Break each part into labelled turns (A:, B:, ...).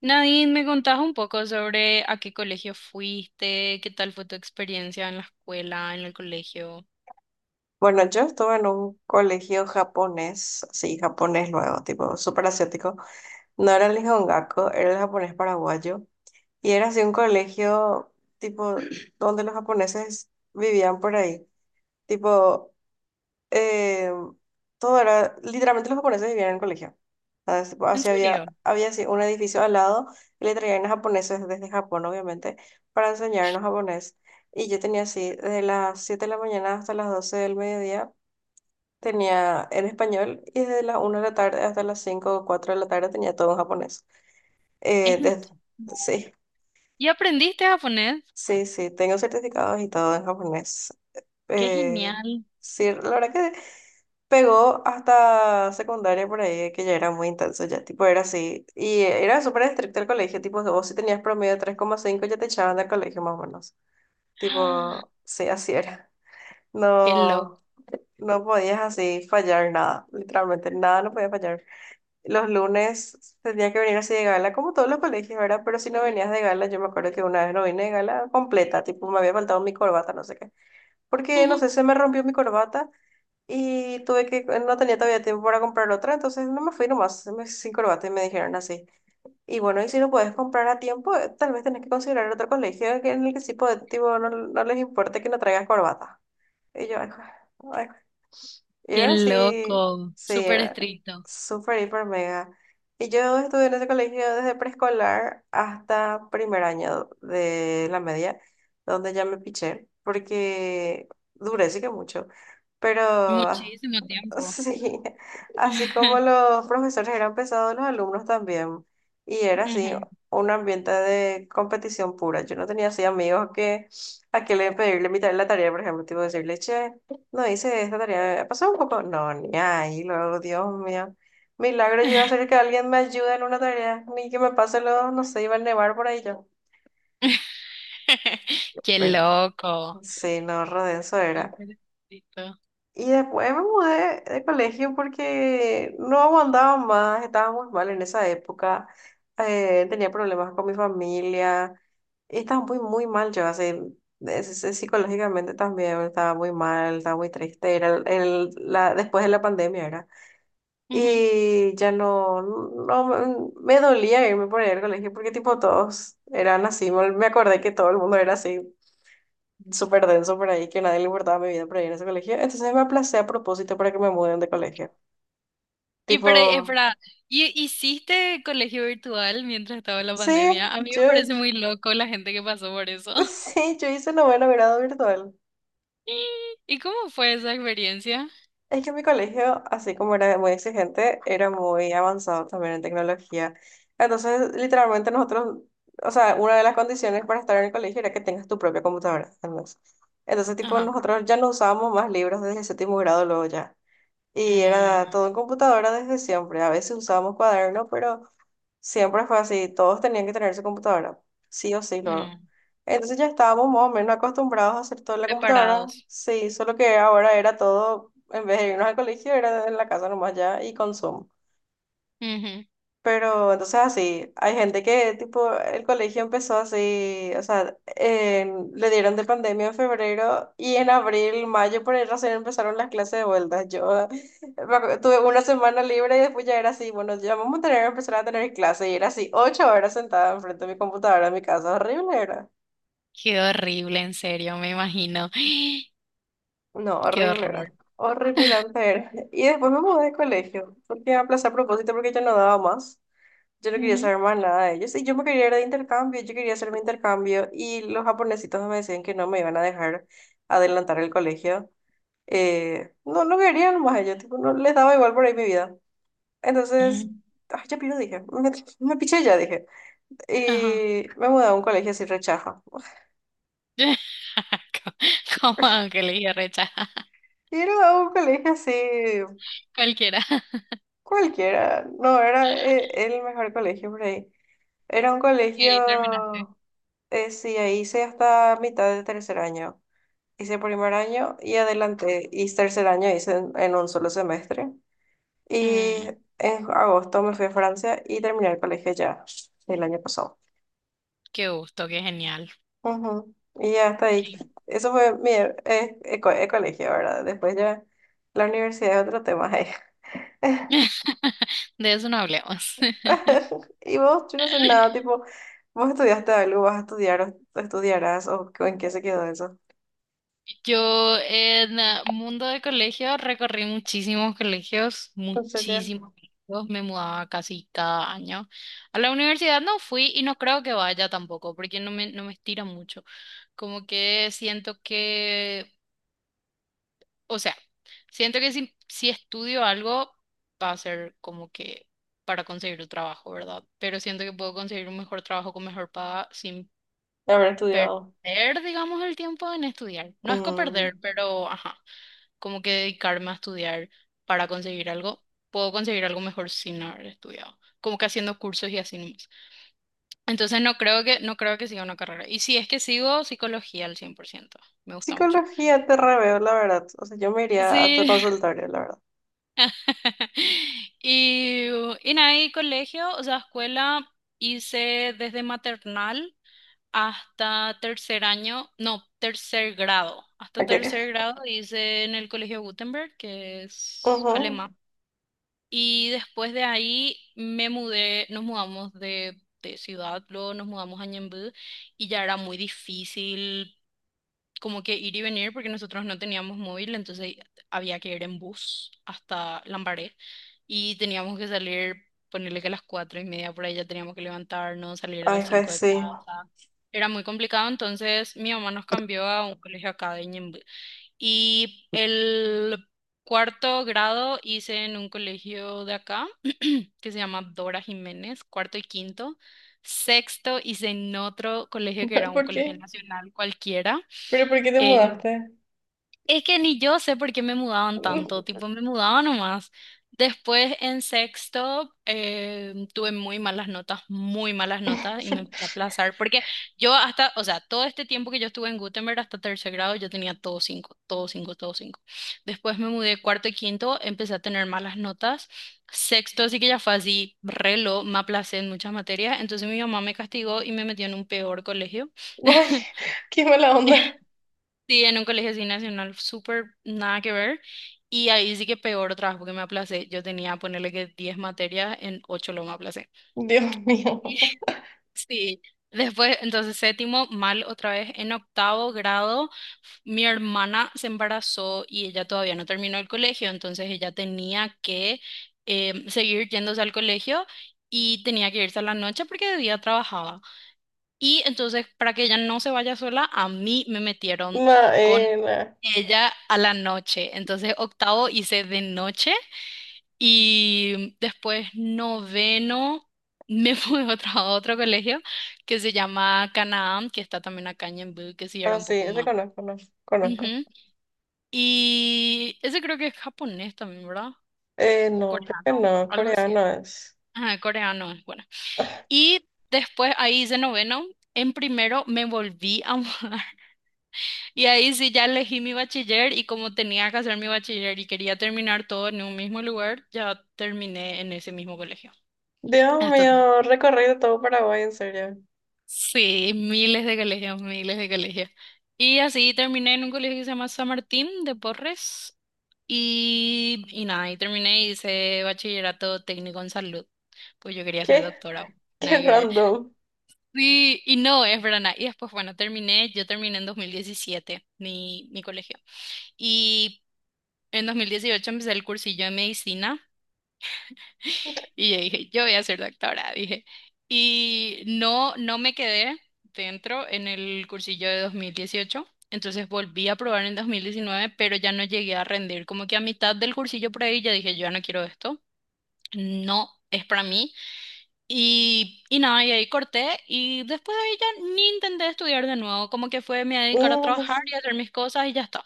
A: Nadine, me contás un poco sobre a qué colegio fuiste, qué tal fue tu experiencia en la escuela, en el colegio.
B: Bueno, yo estuve en un colegio japonés, sí, japonés luego, tipo súper asiático. No era el Nihongaku, era el japonés paraguayo. Y era así un colegio, tipo, donde los japoneses vivían por ahí. Tipo, eh, todo era, literalmente los japoneses vivían en el colegio. ¿Sabes? Tipo,
A: En
B: así había,
A: serio,
B: había así un edificio al lado y le traían a japoneses desde Japón, obviamente, para enseñarnos japonés. Y yo tenía así, de las 7 de la mañana hasta las 12 del mediodía tenía en español, y desde las una de la tarde hasta las 5 o 4 de la tarde tenía todo en japonés. Eh,
A: es un-
B: des- sí,
A: ¿Y aprendiste japonés?
B: sí, sí, tengo certificados y todo en japonés.
A: ¡Qué
B: Eh,
A: genial!
B: sí, la verdad que pegó hasta secundaria por ahí, que ya era muy intenso, ya tipo era así. Y era súper estricto el colegio, tipo, vos si tenías promedio de tres coma cinco ya te echaban del colegio más o menos.
A: ¡Ah!
B: Tipo, sí, así era.
A: ¡Qué loco!
B: No, no podías así fallar nada, literalmente, nada no podía fallar. Los lunes tendría que venir así de gala, como todos los colegios, ¿verdad? Pero si no venías de gala, yo me acuerdo que una vez no vine de gala completa, tipo me había faltado mi corbata, no sé qué. Porque, no sé, se me rompió mi corbata y tuve que, no tenía todavía tiempo para comprar otra, entonces no me fui nomás sin corbata y me dijeron así. Y bueno, y si no puedes comprar a tiempo, tal vez tenés que considerar otro colegio en el que sí puede, tipo, no, no les importe que no traigas corbata. Y yo, ay, y
A: ¡Qué
B: era así,
A: loco!
B: sí,
A: Súper
B: era
A: estricto.
B: súper, hiper mega. Y yo estuve en ese colegio desde preescolar hasta primer año de la media, donde ya me piché, porque duré sí que mucho, pero
A: Muchísimo tiempo.
B: sí, así como los profesores eran pesados, los alumnos también. Y era así,
A: Ujú.
B: un ambiente de competición pura. Yo no tenía así amigos que a que le pedirle mitad de la tarea, por ejemplo, tipo decirle, che, no hice esta tarea, pasó un poco. No, ni ahí, luego, Dios mío. Milagro yo iba a ser que alguien me ayude en una tarea, ni que me pase lo, no sé, iba a nevar por ahí yo.
A: ¡Qué
B: Pero,
A: loco!
B: sí, no, Rodenso era.
A: Súper estricto.
B: Y después me mudé de colegio porque no aguantaba más, estaba muy mal en esa época, tenía problemas con mi familia, y estaba muy, muy mal yo, así, psicológicamente también estaba muy mal, estaba muy triste, era después de la pandemia era. Y ya no, no, me dolía irme por ahí al colegio porque tipo todos eran así, me acordé que todo el mundo era así súper denso por ahí, que nadie le importaba mi vida por ahí en ese colegio. Entonces me aplacé a propósito para que me muden de colegio.
A: Y
B: Tipo,
A: para, espera, ¿hiciste colegio virtual mientras estaba la
B: sí,
A: pandemia? A mí me
B: yo,
A: parece muy loco la gente que pasó por eso.
B: sí, yo hice noveno grado virtual.
A: ¿Y y cómo fue esa experiencia?
B: Es que mi colegio, así como era muy exigente, era muy avanzado también en tecnología. Entonces, literalmente nosotros, o sea, una de las condiciones para estar en el colegio era que tengas tu propia computadora, al menos. Entonces, tipo,
A: Ajá.
B: nosotros ya no usábamos más libros desde el séptimo grado luego ya. Y
A: Mm,
B: era todo en computadora desde siempre. A veces usábamos cuaderno, pero siempre fue así. Todos tenían que tener su computadora, sí o sí luego.
A: mm.
B: Entonces ya estábamos más o menos acostumbrados a hacer todo en la computadora.
A: Preparados.
B: Sí, solo que ahora era todo, en vez de irnos al colegio, era en la casa nomás ya y con Zoom.
A: Ujú.
B: Pero entonces así, hay gente que tipo el colegio empezó así, o sea, le dieron de pandemia en febrero y en abril, mayo por ahí recién empezaron las clases de vuelta. Yo tuve una semana libre y después ya era así, bueno, ya vamos a tener, empezar a tener clase y era así, ocho horas sentada enfrente de mi computadora en mi casa, horrible era.
A: Qué horrible, en serio, me imagino.
B: No,
A: Qué
B: horrible
A: horror.
B: era. Horripilante era. Y después me mudé de colegio, porque aplacé a propósito porque yo no daba más. Yo no quería
A: Ujú,
B: saber más nada de ellos. Y yo me quería ir de intercambio, yo quería hacer mi intercambio. Y los japonesitos me decían que no me iban a dejar adelantar el colegio. No, no querían más ellos, tipo, no les daba igual por ahí mi vida.
A: ujú.
B: Entonces, ay, ya piro, dije. Me piché ya, dije.
A: Ajá.
B: Y me mudé a un colegio así rechaza.
A: Como Ángeles y Recha.
B: Y era un colegio así
A: Cualquiera.
B: cualquiera. No, era el mejor colegio por ahí. Era un
A: Y ahí terminaste.
B: colegio, sí, ahí hice hasta mitad de tercer año. Hice primer año y adelante hice tercer año, hice en un solo semestre. Y
A: Mm,
B: en agosto me fui a Francia y terminé el colegio ya el año pasado.
A: qué gusto, qué genial.
B: Ujú. Y ya hasta ahí. Eso fue mi colegio, ¿verdad? Después ya la universidad es otro tema.
A: De eso no hablemos.
B: Y vos, yo no sé nada, tipo, vos estudiaste algo, vas a estudiar o estudiarás o en qué se quedó eso.
A: Yo en mundo de colegio recorrí
B: En serio.
A: muchísimos colegios, me mudaba casi cada año. A la universidad no fui y no creo que vaya tampoco, porque no me estira mucho. Como que siento que, o sea, siento que si estudio algo va a ser como que para conseguir un trabajo, ¿verdad? Pero siento que puedo conseguir un mejor trabajo con mejor paga sin
B: Haber estudiado.
A: perder, digamos, el tiempo en estudiar. No es que perder,
B: Mm.
A: pero ajá, como que dedicarme a estudiar para conseguir algo. Puedo conseguir algo mejor sin haber estudiado, como que haciendo cursos y así nomás. Entonces no creo que siga una carrera. Y si es que sigo psicología al 100% me gusta mucho.
B: Psicología te reveo, la verdad. O sea, yo me iría a tu
A: Sí.
B: consultorio, la verdad.
A: Y, y nada, y colegio, o sea, escuela hice desde maternal hasta tercer año, no, tercer grado. Hasta
B: Ok.
A: tercer grado hice en el Colegio Gutenberg, que es
B: Ujú.
A: alemán. Y después de ahí me mudé, nos mudamos de ciudad, luego nos mudamos a Ñemby y ya era muy difícil como que ir y venir porque nosotros no teníamos móvil, entonces había que ir en bus hasta Lambaré y teníamos que salir, ponerle que a las 4:30 por ahí ya teníamos que levantarnos, salir a
B: Ay,
A: las
B: ja,
A: 5:00 de
B: sí.
A: casa. Era muy complicado, entonces mi mamá nos cambió a un colegio acá de Ñemby. Y el cuarto grado hice en un colegio de acá que se llama Dora Jiménez, cuarto y quinto. Sexto hice en otro colegio que era un
B: ¿Por
A: colegio
B: qué?
A: nacional cualquiera.
B: ¿Pero por qué te
A: eh,
B: mudaste?
A: es que ni yo sé por qué me mudaban tanto, tipo me mudaba nomás. Después en sexto tuve muy malas notas y me empecé a aplazar porque yo hasta, o sea, todo este tiempo que yo estuve en Gutenberg hasta tercer grado yo tenía todo cinco, todo cinco, todo cinco. Después me mudé cuarto y quinto, empecé a tener malas notas. Sexto sí que ya fue así, relo, me aplacé en muchas materias, entonces mi mamá me castigó y me metió en un peor colegio.
B: Ay, qué mala onda.
A: Sí, en un colegio así nacional, súper nada que ver. Y ahí sí que peor trabajo que me aplacé. Yo tenía, ponerle que 10 materias, en 8 lo me aplacé.
B: Dios mío.
A: Sí. Después, entonces séptimo, mal otra vez. En octavo grado, mi hermana se embarazó y ella todavía no terminó el colegio, entonces ella tenía que seguir yéndose al colegio y tenía que irse a la noche porque de día trabajaba. Y entonces, para que ella no se vaya sola, a mí me metieron con
B: Maena.
A: ella a la noche. Entonces, octavo hice de noche y después noveno me fui a otro colegio que se llama Canaán, que está también acá en Ñemby, que sí era
B: Ah,
A: un
B: sí,
A: poco
B: ese
A: más.
B: conozco, no, conozco.
A: Ujú. Y ese creo que es japonés también, ¿verdad? O
B: No, creo que
A: coreano,
B: no,
A: algo así.
B: coreano es.
A: Ah, coreano es bueno. Y después ahí hice noveno. En primero me volví a mudar. Y ahí sí ya elegí mi bachiller y como tenía que hacer mi bachiller y quería terminar todo en un mismo lugar, ya terminé en ese mismo colegio.
B: Dios
A: Hasta,
B: mío, recorrido todo Paraguay, en serio.
A: sí, miles de colegios, miles de colegios. Y así terminé en un colegio que se llama San Martín de Porres y nada, y terminé y hice bachillerato técnico en salud, pues yo quería ser
B: ¿Qué?
A: doctora. Nada
B: Qué
A: que ver.
B: random.
A: Sí, y no, es verdad. Nada. Y después, bueno, terminé, yo terminé en 2017 mi colegio. Y En 2018 empecé el cursillo de medicina y yo dije, yo voy a ser doctora, dije. Y no, no me quedé dentro en el cursillo de 2018, entonces volví a probar en 2019 pero ya no llegué a rendir. Como que a mitad del cursillo por ahí ya dije, yo ya no quiero esto, no es para mí. Y nada, y ahí corté y después de ahí ya ni intenté estudiar de nuevo, como que fue, me voy a dedicar a
B: Mm.
A: trabajar y a hacer mis cosas y ya está.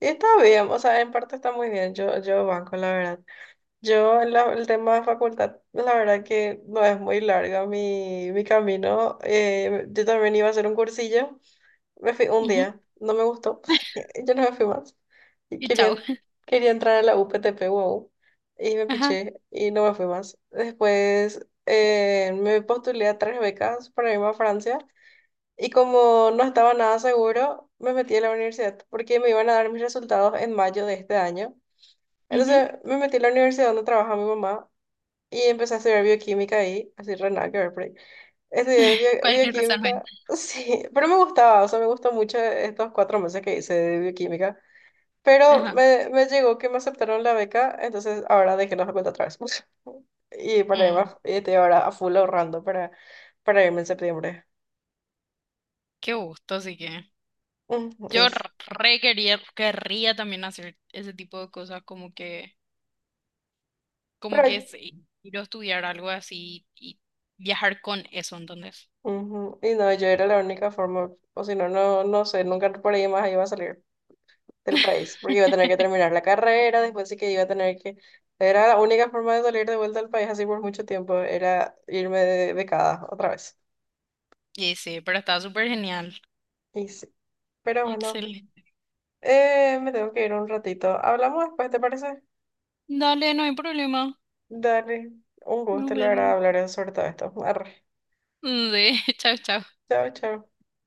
B: Está bien, o sea, en parte está muy bien, yo banco, la verdad. Yo, el tema de facultad, la verdad que no es muy larga mi camino. Yo también iba a hacer un cursillo. Me fui un
A: Ujú.
B: día, no me gustó. Yo no me fui más. Y
A: Y chao.
B: quería entrar a la UPTP, wow. Y me
A: Ajá.
B: piché y no me fui más. Después me postulé a tres becas para irme a Francia. Y como no estaba nada seguro, me metí a la universidad porque me iban a dar mis resultados en mayo de este año.
A: Ujú.
B: Entonces me metí a la universidad donde trabaja mi mamá y empecé a estudiar bioquímica ahí, así re nada que ver por ahí. Estudié
A: Cualquier cosa no.
B: bioquímica, sí, pero me gustaba, o sea, me gustó mucho estos cuatro meses que hice de bioquímica. Pero
A: Ajá.
B: me llegó que me aceptaron la beca, entonces ahora dejé la facultad otra vez. Y para irme,
A: Mm,
B: y estoy ahora a full ahorrando para, irme en septiembre.
A: qué gusto, así que
B: Ujú, y
A: yo querría también hacer ese tipo de cosas, como que
B: pero,
A: ir a estudiar algo así y viajar con eso, entonces.
B: ujú, y no, yo era la única forma, o si no, no, no sé, nunca por ahí más iba a salir. Del país, porque iba a tener que terminar la carrera, después sí que iba a tener que... Era la única forma de salir de vuelta al país así por mucho tiempo, era irme de becada otra vez.
A: Y sí, pero está súper genial.
B: Y sí, pero bueno,
A: Excelente.
B: me tengo que ir un ratito. Hablamos después, ¿te parece?
A: Dale, no hay problema.
B: Dale, un
A: Nos
B: gusto, la verdad,
A: vemos.
B: hablar sobre todo esto. Arre.
A: Mm, sí, chao, chao.
B: Chao, chao.